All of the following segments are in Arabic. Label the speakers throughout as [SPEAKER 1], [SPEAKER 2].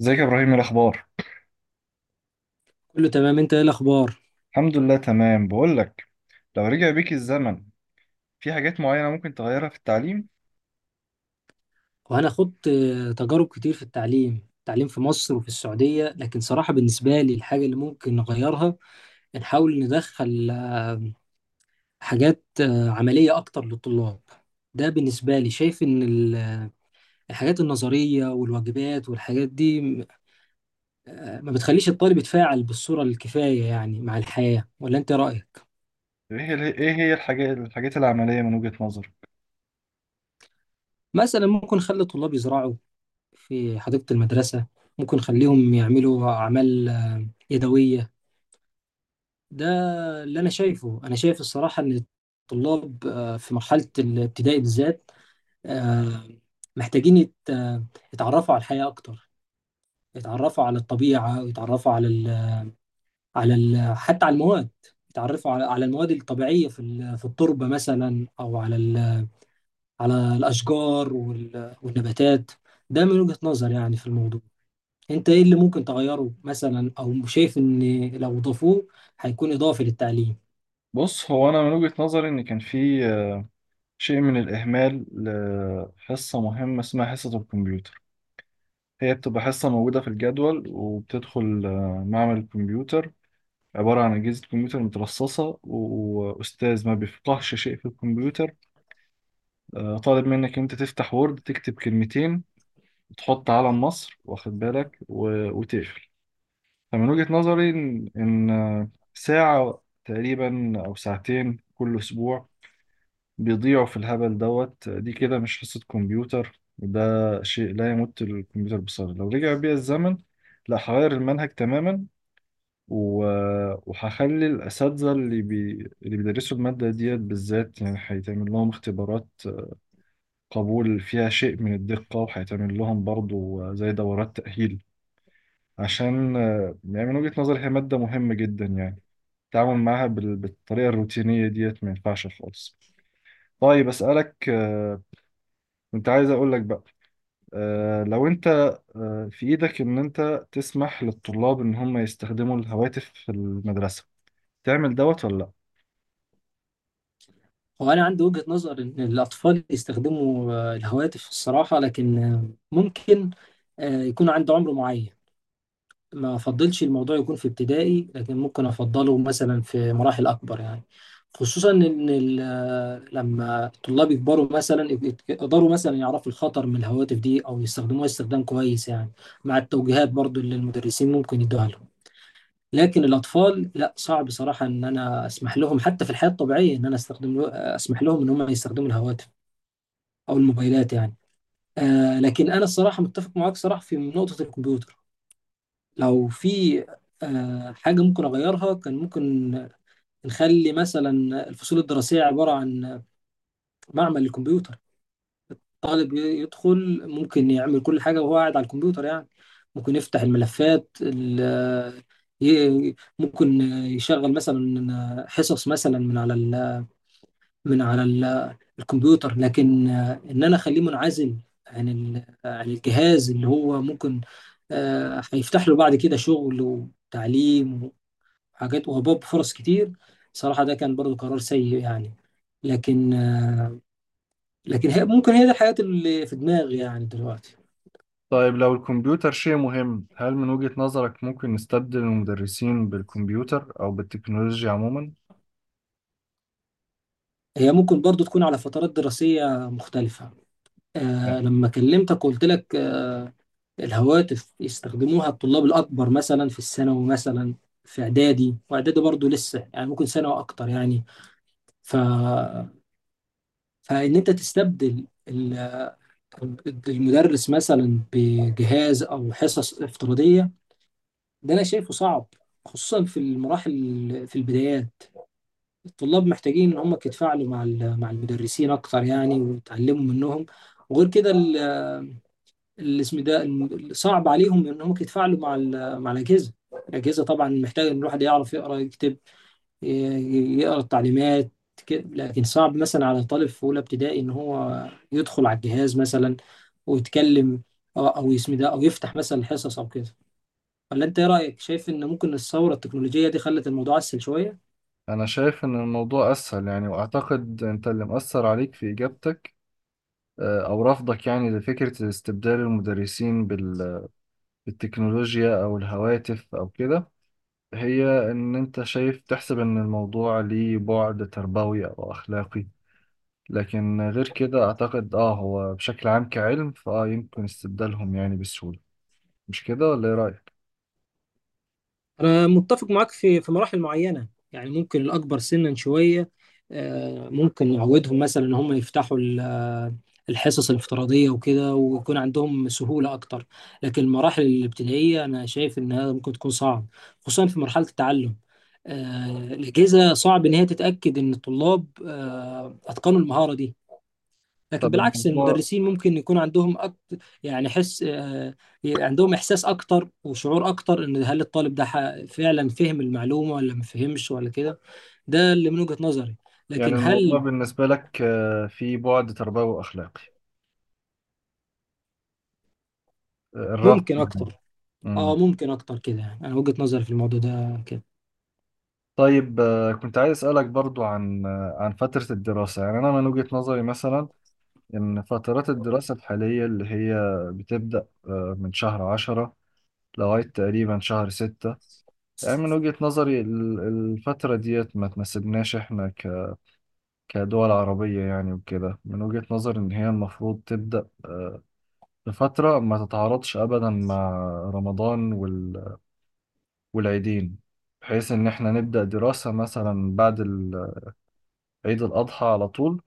[SPEAKER 1] ازيك يا ابراهيم؟ إيه الاخبار؟
[SPEAKER 2] كله تمام، انت ايه الاخبار؟
[SPEAKER 1] الحمد لله، تمام. بقول لك، لو رجع بيك الزمن، في حاجات معينه ممكن تغيرها في التعليم؟
[SPEAKER 2] وانا خدت تجارب كتير في التعليم. في مصر وفي السعودية، لكن صراحة بالنسبة لي الحاجة اللي ممكن نغيرها، نحاول ندخل حاجات عملية اكتر للطلاب. ده بالنسبة لي، شايف ان الحاجات النظرية والواجبات والحاجات دي ما بتخليش الطالب يتفاعل بالصورة الكفاية، يعني مع الحياة. ولا انت رأيك؟
[SPEAKER 1] ايه هي الحاجات العمليه من وجهه نظرك؟
[SPEAKER 2] مثلا ممكن نخلي الطلاب يزرعوا في حديقة المدرسة، ممكن نخليهم يعملوا أعمال يدوية. ده اللي انا شايفه. انا شايف الصراحه ان الطلاب في مرحله الابتدائي بالذات، آه، محتاجين يتعرفوا على الحياه اكتر، يتعرفوا على الطبيعه، ويتعرفوا على ال حتى على المواد. يتعرفوا على المواد الطبيعيه في في التربه مثلا، او على على الاشجار والنباتات. ده من وجهه نظر يعني في الموضوع. انت ايه اللي ممكن تغيره مثلا، او شايف ان لو ضافوه هيكون اضافي للتعليم؟
[SPEAKER 1] بص، هو انا من وجهه نظري ان كان في شيء من الاهمال لحصه مهمه اسمها حصه الكمبيوتر. هي بتبقى حصه موجوده في الجدول، وبتدخل معمل الكمبيوتر. عبارة عن أجهزة كمبيوتر مترصصة، وأستاذ ما بيفقهش شيء في الكمبيوتر. طالب منك أنت تفتح وورد، تكتب كلمتين، تحط علم مصر، واخد بالك، وتقفل. فمن وجهة نظري، إن ساعة تقريبا أو ساعتين كل أسبوع بيضيعوا في الهبل دوت دي. كده مش حصة كمبيوتر، ده شيء لا يمت الكمبيوتر بصله. لو رجع بيا الزمن، لا، هغير المنهج تماما. و... وهخلي الأساتذة اللي بيدرسوا المادة ديت بالذات، يعني هيتعمل لهم اختبارات قبول فيها شيء من الدقة، وهيتعمل لهم برضو زي دورات تأهيل. عشان يعني من وجهة نظري هي مادة مهمة جدا يعني. التعامل معاها بالطريقة الروتينية ديت ما ينفعش خالص. طيب، أسألك، كنت عايز أقول لك بقى، لو أنت في إيدك إن أنت تسمح للطلاب إن هم يستخدموا الهواتف في المدرسة، تعمل دوت ولا لأ؟
[SPEAKER 2] هو أنا عندي وجهة نظر إن الأطفال يستخدموا الهواتف الصراحة، لكن ممكن يكون عنده عمر معين. ما أفضلش الموضوع يكون في ابتدائي، لكن ممكن أفضله مثلا في مراحل أكبر يعني. خصوصا إن لما الطلاب يكبروا مثلا يقدروا مثلا يعرفوا الخطر من الهواتف دي، أو يستخدموها استخدام كويس يعني، مع التوجيهات برضو اللي المدرسين ممكن يدوها لهم. لكن الأطفال لا، صعب صراحة إن أنا أسمح لهم. حتى في الحياة الطبيعية إن أنا أستخدم له، أسمح لهم إن هم يستخدموا الهواتف أو الموبايلات يعني. آه لكن أنا الصراحة متفق معاك صراحة في نقطة الكمبيوتر. لو في حاجة ممكن أغيرها، كان ممكن نخلي مثلا الفصول الدراسية عبارة عن معمل للكمبيوتر. طالب يدخل، ممكن يعمل كل حاجة وهو قاعد على الكمبيوتر يعني. ممكن يفتح الملفات ممكن يشغل مثلا حصص مثلا من على ال الكمبيوتر. لكن ان انا اخليه منعزل عن عن الجهاز اللي هو ممكن هيفتح له بعد كده شغل وتعليم وحاجات، وهباب فرص كتير صراحة. ده كان برضو قرار سيء يعني. لكن لكن هي ممكن هي دي الحياة اللي في دماغي يعني دلوقتي.
[SPEAKER 1] طيب، لو الكمبيوتر شيء مهم، هل من وجهة نظرك ممكن نستبدل المدرسين بالكمبيوتر أو بالتكنولوجيا عموما؟
[SPEAKER 2] هي ممكن برضو تكون على فترات دراسية مختلفة.
[SPEAKER 1] لا.
[SPEAKER 2] آه لما كلمتك وقلت لك آه الهواتف يستخدموها الطلاب الأكبر، مثلا في الثانوي مثلا، في إعدادي. وإعدادي برضو لسه يعني، ممكن سنة وأكتر يعني. ف... فإن أنت تستبدل المدرس مثلا بجهاز أو حصص افتراضية، ده أنا شايفه صعب، خصوصا في المراحل، في البدايات. الطلاب محتاجين ان هم يتفاعلوا مع مع المدرسين اكتر يعني، ويتعلموا منهم. وغير كده الاسم ده صعب عليهم ان هم يتفاعلوا مع مع الاجهزه. الاجهزه طبعا محتاجه ان الواحد يعرف يقرا، يكتب، يقرا التعليمات كده. لكن صعب مثلا على طالب في اولى ابتدائي ان هو يدخل على الجهاز مثلا ويتكلم او اسم ده، او يفتح مثلا الحصص او كده. ولا انت ايه رايك؟ شايف ان ممكن الثوره التكنولوجيه دي خلت الموضوع اسهل شويه؟
[SPEAKER 1] أنا شايف إن الموضوع أسهل يعني، وأعتقد أنت اللي مأثر عليك في إجابتك أو رفضك، يعني لفكرة استبدال المدرسين بالتكنولوجيا أو الهواتف أو كده. هي إن أنت شايف تحسب إن الموضوع ليه بعد تربوي أو أخلاقي، لكن غير كده أعتقد هو بشكل عام كعلم، يمكن استبدالهم يعني بسهولة. مش كده ولا إيه رأيك؟
[SPEAKER 2] أنا متفق معاك في مراحل معينة يعني، ممكن الأكبر سنا شوية ممكن نعودهم مثلا إن هم يفتحوا الحصص الافتراضية وكده، ويكون عندهم سهولة أكتر. لكن المراحل الابتدائية أنا شايف إنها ممكن تكون صعب، خصوصا في مرحلة التعلم. الأجهزة صعب إن هي تتأكد إن الطلاب أتقنوا المهارة دي. لكن
[SPEAKER 1] طب
[SPEAKER 2] بالعكس
[SPEAKER 1] الموضوع
[SPEAKER 2] المدرسين ممكن يكون عندهم أكتر يعني حس آه، عندهم إحساس أكتر وشعور أكتر، إن هل الطالب ده فعلا فهم المعلومة ولا ما فهمش ولا كده. ده اللي من وجهة نظري.
[SPEAKER 1] يعني
[SPEAKER 2] لكن
[SPEAKER 1] الموضوع
[SPEAKER 2] هل
[SPEAKER 1] بالنسبة لك فيه بعد تربوي وأخلاقي، الرفض
[SPEAKER 2] ممكن
[SPEAKER 1] يعني.
[SPEAKER 2] أكتر؟ آه ممكن أكتر كده يعني. أنا وجهة نظري في الموضوع ده كده.
[SPEAKER 1] طيب، كنت عايز أسألك برضو عن فترة الدراسة. يعني أنا من وجهة نظري مثلا، إن فترات الدراسة الحالية اللي هي بتبدأ من شهر عشرة لغاية تقريبا شهر ستة. يعني من وجهة نظري الفترة ديت ما تناسبناش إحنا كدول عربية يعني، وكده من وجهة نظري إن هي المفروض تبدأ بفترة ما تتعارضش أبدا مع رمضان وال- والعيدين، بحيث إن إحنا نبدأ دراسة مثلا بعد عيد الأضحى على طول،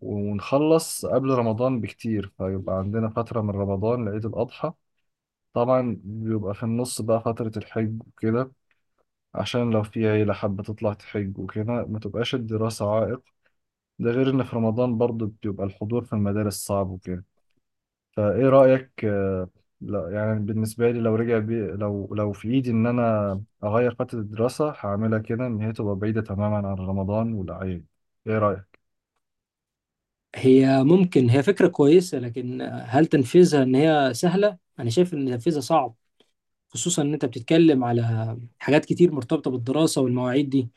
[SPEAKER 1] ونخلص قبل رمضان بكتير، فيبقى عندنا فترة من رمضان لعيد الأضحى. طبعا بيبقى في النص بقى فترة الحج وكده، عشان لو في عيلة حابة تطلع تحج وكده، ما تبقاش الدراسة عائق. ده غير إن في رمضان برضو بيبقى الحضور في المدارس صعب وكده. فإيه رأيك؟ لا يعني، بالنسبة لي لو رجع بي لو لو في إيدي إن أنا أغير فترة الدراسة، هعملها كده، إن هي تبقى بعيدة تماما عن رمضان والأعياد. إيه رأيك؟
[SPEAKER 2] هي ممكن هي فكرة كويسة، لكن هل تنفيذها إن هي سهلة؟ أنا شايف إن تنفيذها صعب، خصوصا إن أنت بتتكلم على حاجات كتير مرتبطة بالدراسة والمواعيد دي.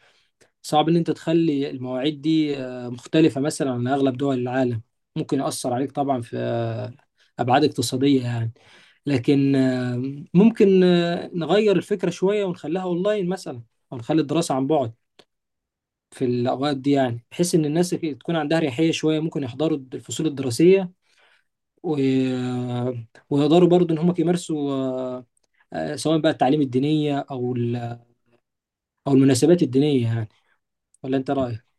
[SPEAKER 2] صعب ان انت تخلي المواعيد دي مختلفة مثلا عن اغلب دول العالم. ممكن يأثر عليك طبعا في ابعاد اقتصادية يعني. لكن ممكن نغير الفكرة شوية ونخليها اونلاين مثلا، او نخلي الدراسة عن بعد في الاوقات دي يعني، بحيث ان الناس تكون عندها اريحية شوية، ممكن يحضروا الفصول الدراسية و... آه، ويقدروا برضو ان هم يمارسوا، سواء بقى التعليم الدينية او المناسبات الدينية يعني. ولا انت رأيك؟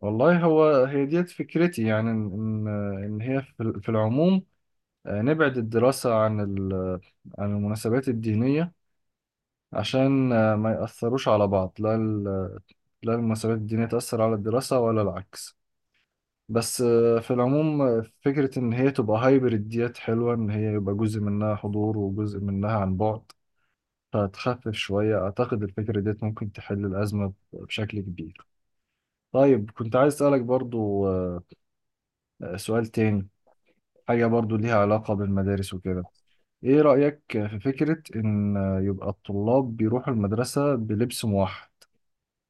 [SPEAKER 1] والله، هو هي ديت فكرتي، يعني ان إن هي في العموم، نبعد الدراسة عن عن المناسبات الدينية، عشان ما يأثروش على بعض. لا لا المناسبات الدينية تأثر على الدراسة، ولا العكس. بس، في العموم، فكرة ان هي تبقى هايبرد ديت حلوة، ان هي يبقى جزء منها حضور وجزء منها عن بعد، فتخفف شوية. أعتقد الفكرة ديت ممكن تحل الأزمة بشكل كبير. طيب، كنت عايز أسألك برضو، سؤال تاني، حاجة برضو ليها علاقة بالمدارس وكده. ايه رأيك في فكرة ان يبقى الطلاب بيروحوا المدرسة بلبس موحد؟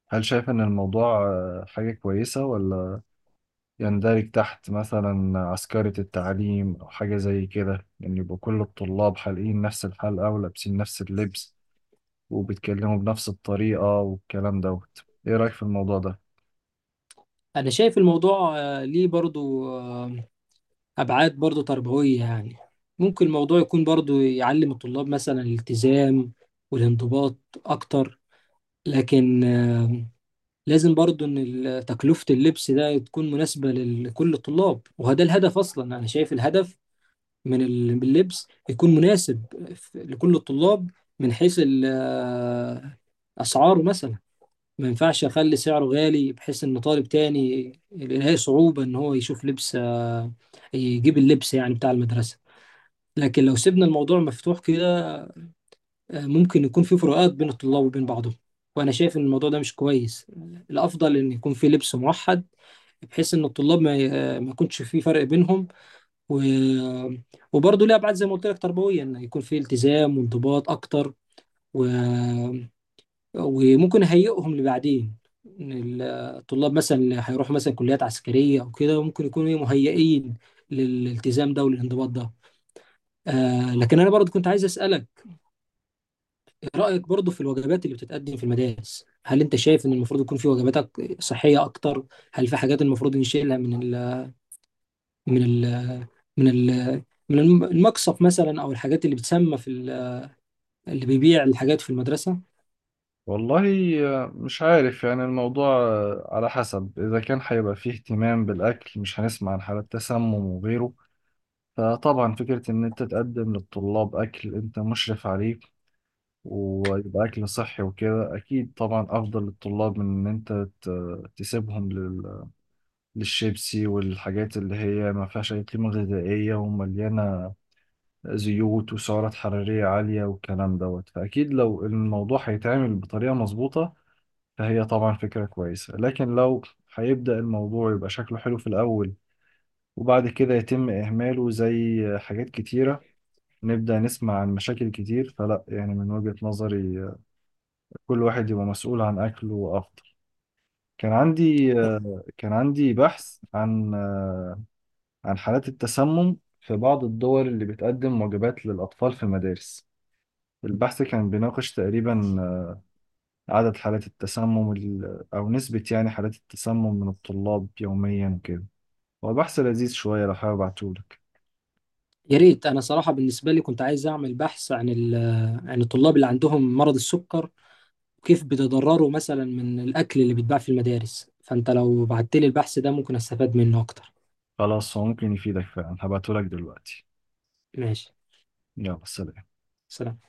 [SPEAKER 1] هل شايف ان الموضوع حاجة كويسة، ولا يندرج تحت مثلا عسكرة التعليم او حاجة زي كده؟ يعني يبقى كل الطلاب حالقين نفس الحلقة، ولابسين نفس اللبس، وبيتكلموا بنفس الطريقة والكلام دوت. ايه رأيك في الموضوع ده؟
[SPEAKER 2] انا شايف الموضوع ليه برضو ابعاد برضو تربويه يعني. ممكن الموضوع يكون برضو يعلم الطلاب مثلا الالتزام والانضباط اكتر. لكن لازم برضو ان تكلفه اللبس ده تكون مناسبه لكل الطلاب. وهذا الهدف اصلا، انا شايف الهدف من من اللبس يكون مناسب لكل الطلاب، من حيث اسعاره مثلا. ما ينفعش اخلي سعره غالي بحيث ان طالب تاني يلاقي صعوبة ان هو يشوف لبس آه، يجيب اللبس يعني بتاع المدرسة. لكن لو سيبنا الموضوع مفتوح كده، ممكن يكون في فروقات بين الطلاب وبين بعضهم، وانا شايف ان الموضوع ده مش كويس. الافضل ان يكون في لبس موحد، بحيث ان الطلاب ما ي- آه، ما يكونش في فرق بينهم. و... وبرضه ليه ابعاد زي ما قلت لك تربويه، ان يكون في التزام وانضباط اكتر. و... وممكن اهيئهم لبعدين، إن الطلاب مثلا اللي هيروحوا مثلا كليات عسكريه او كده، ممكن يكونوا إيه مهيئين للالتزام ده وللانضباط ده. آه لكن انا برضه كنت عايز اسالك، إيه رايك برضه في الوجبات اللي بتتقدم في المدارس؟ هل انت شايف ان المفروض يكون في وجبات صحيه اكتر؟ هل في حاجات المفروض نشيلها من من ال من ال المقصف مثلا، او الحاجات اللي بتسمى في اللي بيبيع الحاجات في المدرسه؟
[SPEAKER 1] والله، مش عارف، يعني الموضوع على حسب، إذا كان هيبقى فيه اهتمام بالأكل مش هنسمع عن حالات تسمم وغيره. فطبعا فكرة إن أنت تقدم للطلاب أكل أنت مشرف عليه، ويبقى أكل صحي وكده، أكيد طبعا أفضل للطلاب من إن أنت تسيبهم للشيبسي والحاجات اللي هي ما فيهاش أي قيمة غذائية، ومليانة زيوت وسعرات حرارية عالية والكلام دوت. فأكيد لو الموضوع هيتعمل بطريقة مظبوطة، فهي طبعا فكرة كويسة. لكن لو هيبدأ الموضوع يبقى شكله حلو في الأول، وبعد كده يتم إهماله زي حاجات كتيرة، نبدأ نسمع عن مشاكل كتير. فلا يعني، من وجهة نظري، كل واحد يبقى مسؤول عن أكله أفضل. كان عندي كان عندي بحث عن حالات التسمم في بعض الدول اللي بتقدم وجبات للأطفال في المدارس. البحث كان بيناقش تقريبا عدد حالات التسمم أو نسبة، يعني حالات التسمم من الطلاب يوميا وكده. هو بحث لذيذ شوية، لو حابب ابعتهولك.
[SPEAKER 2] يا ريت، انا صراحه بالنسبه لي كنت عايز اعمل بحث عن عن الطلاب اللي عندهم مرض السكر، وكيف بيتضرروا مثلا من الاكل اللي بيتباع في المدارس. فانت لو بعت لي البحث ده ممكن استفاد منه اكتر.
[SPEAKER 1] خلاص، هو ممكن يفيدك فعلا، هبعتهولك دلوقتي.
[SPEAKER 2] ماشي،
[SPEAKER 1] يلا، سلام.
[SPEAKER 2] سلام.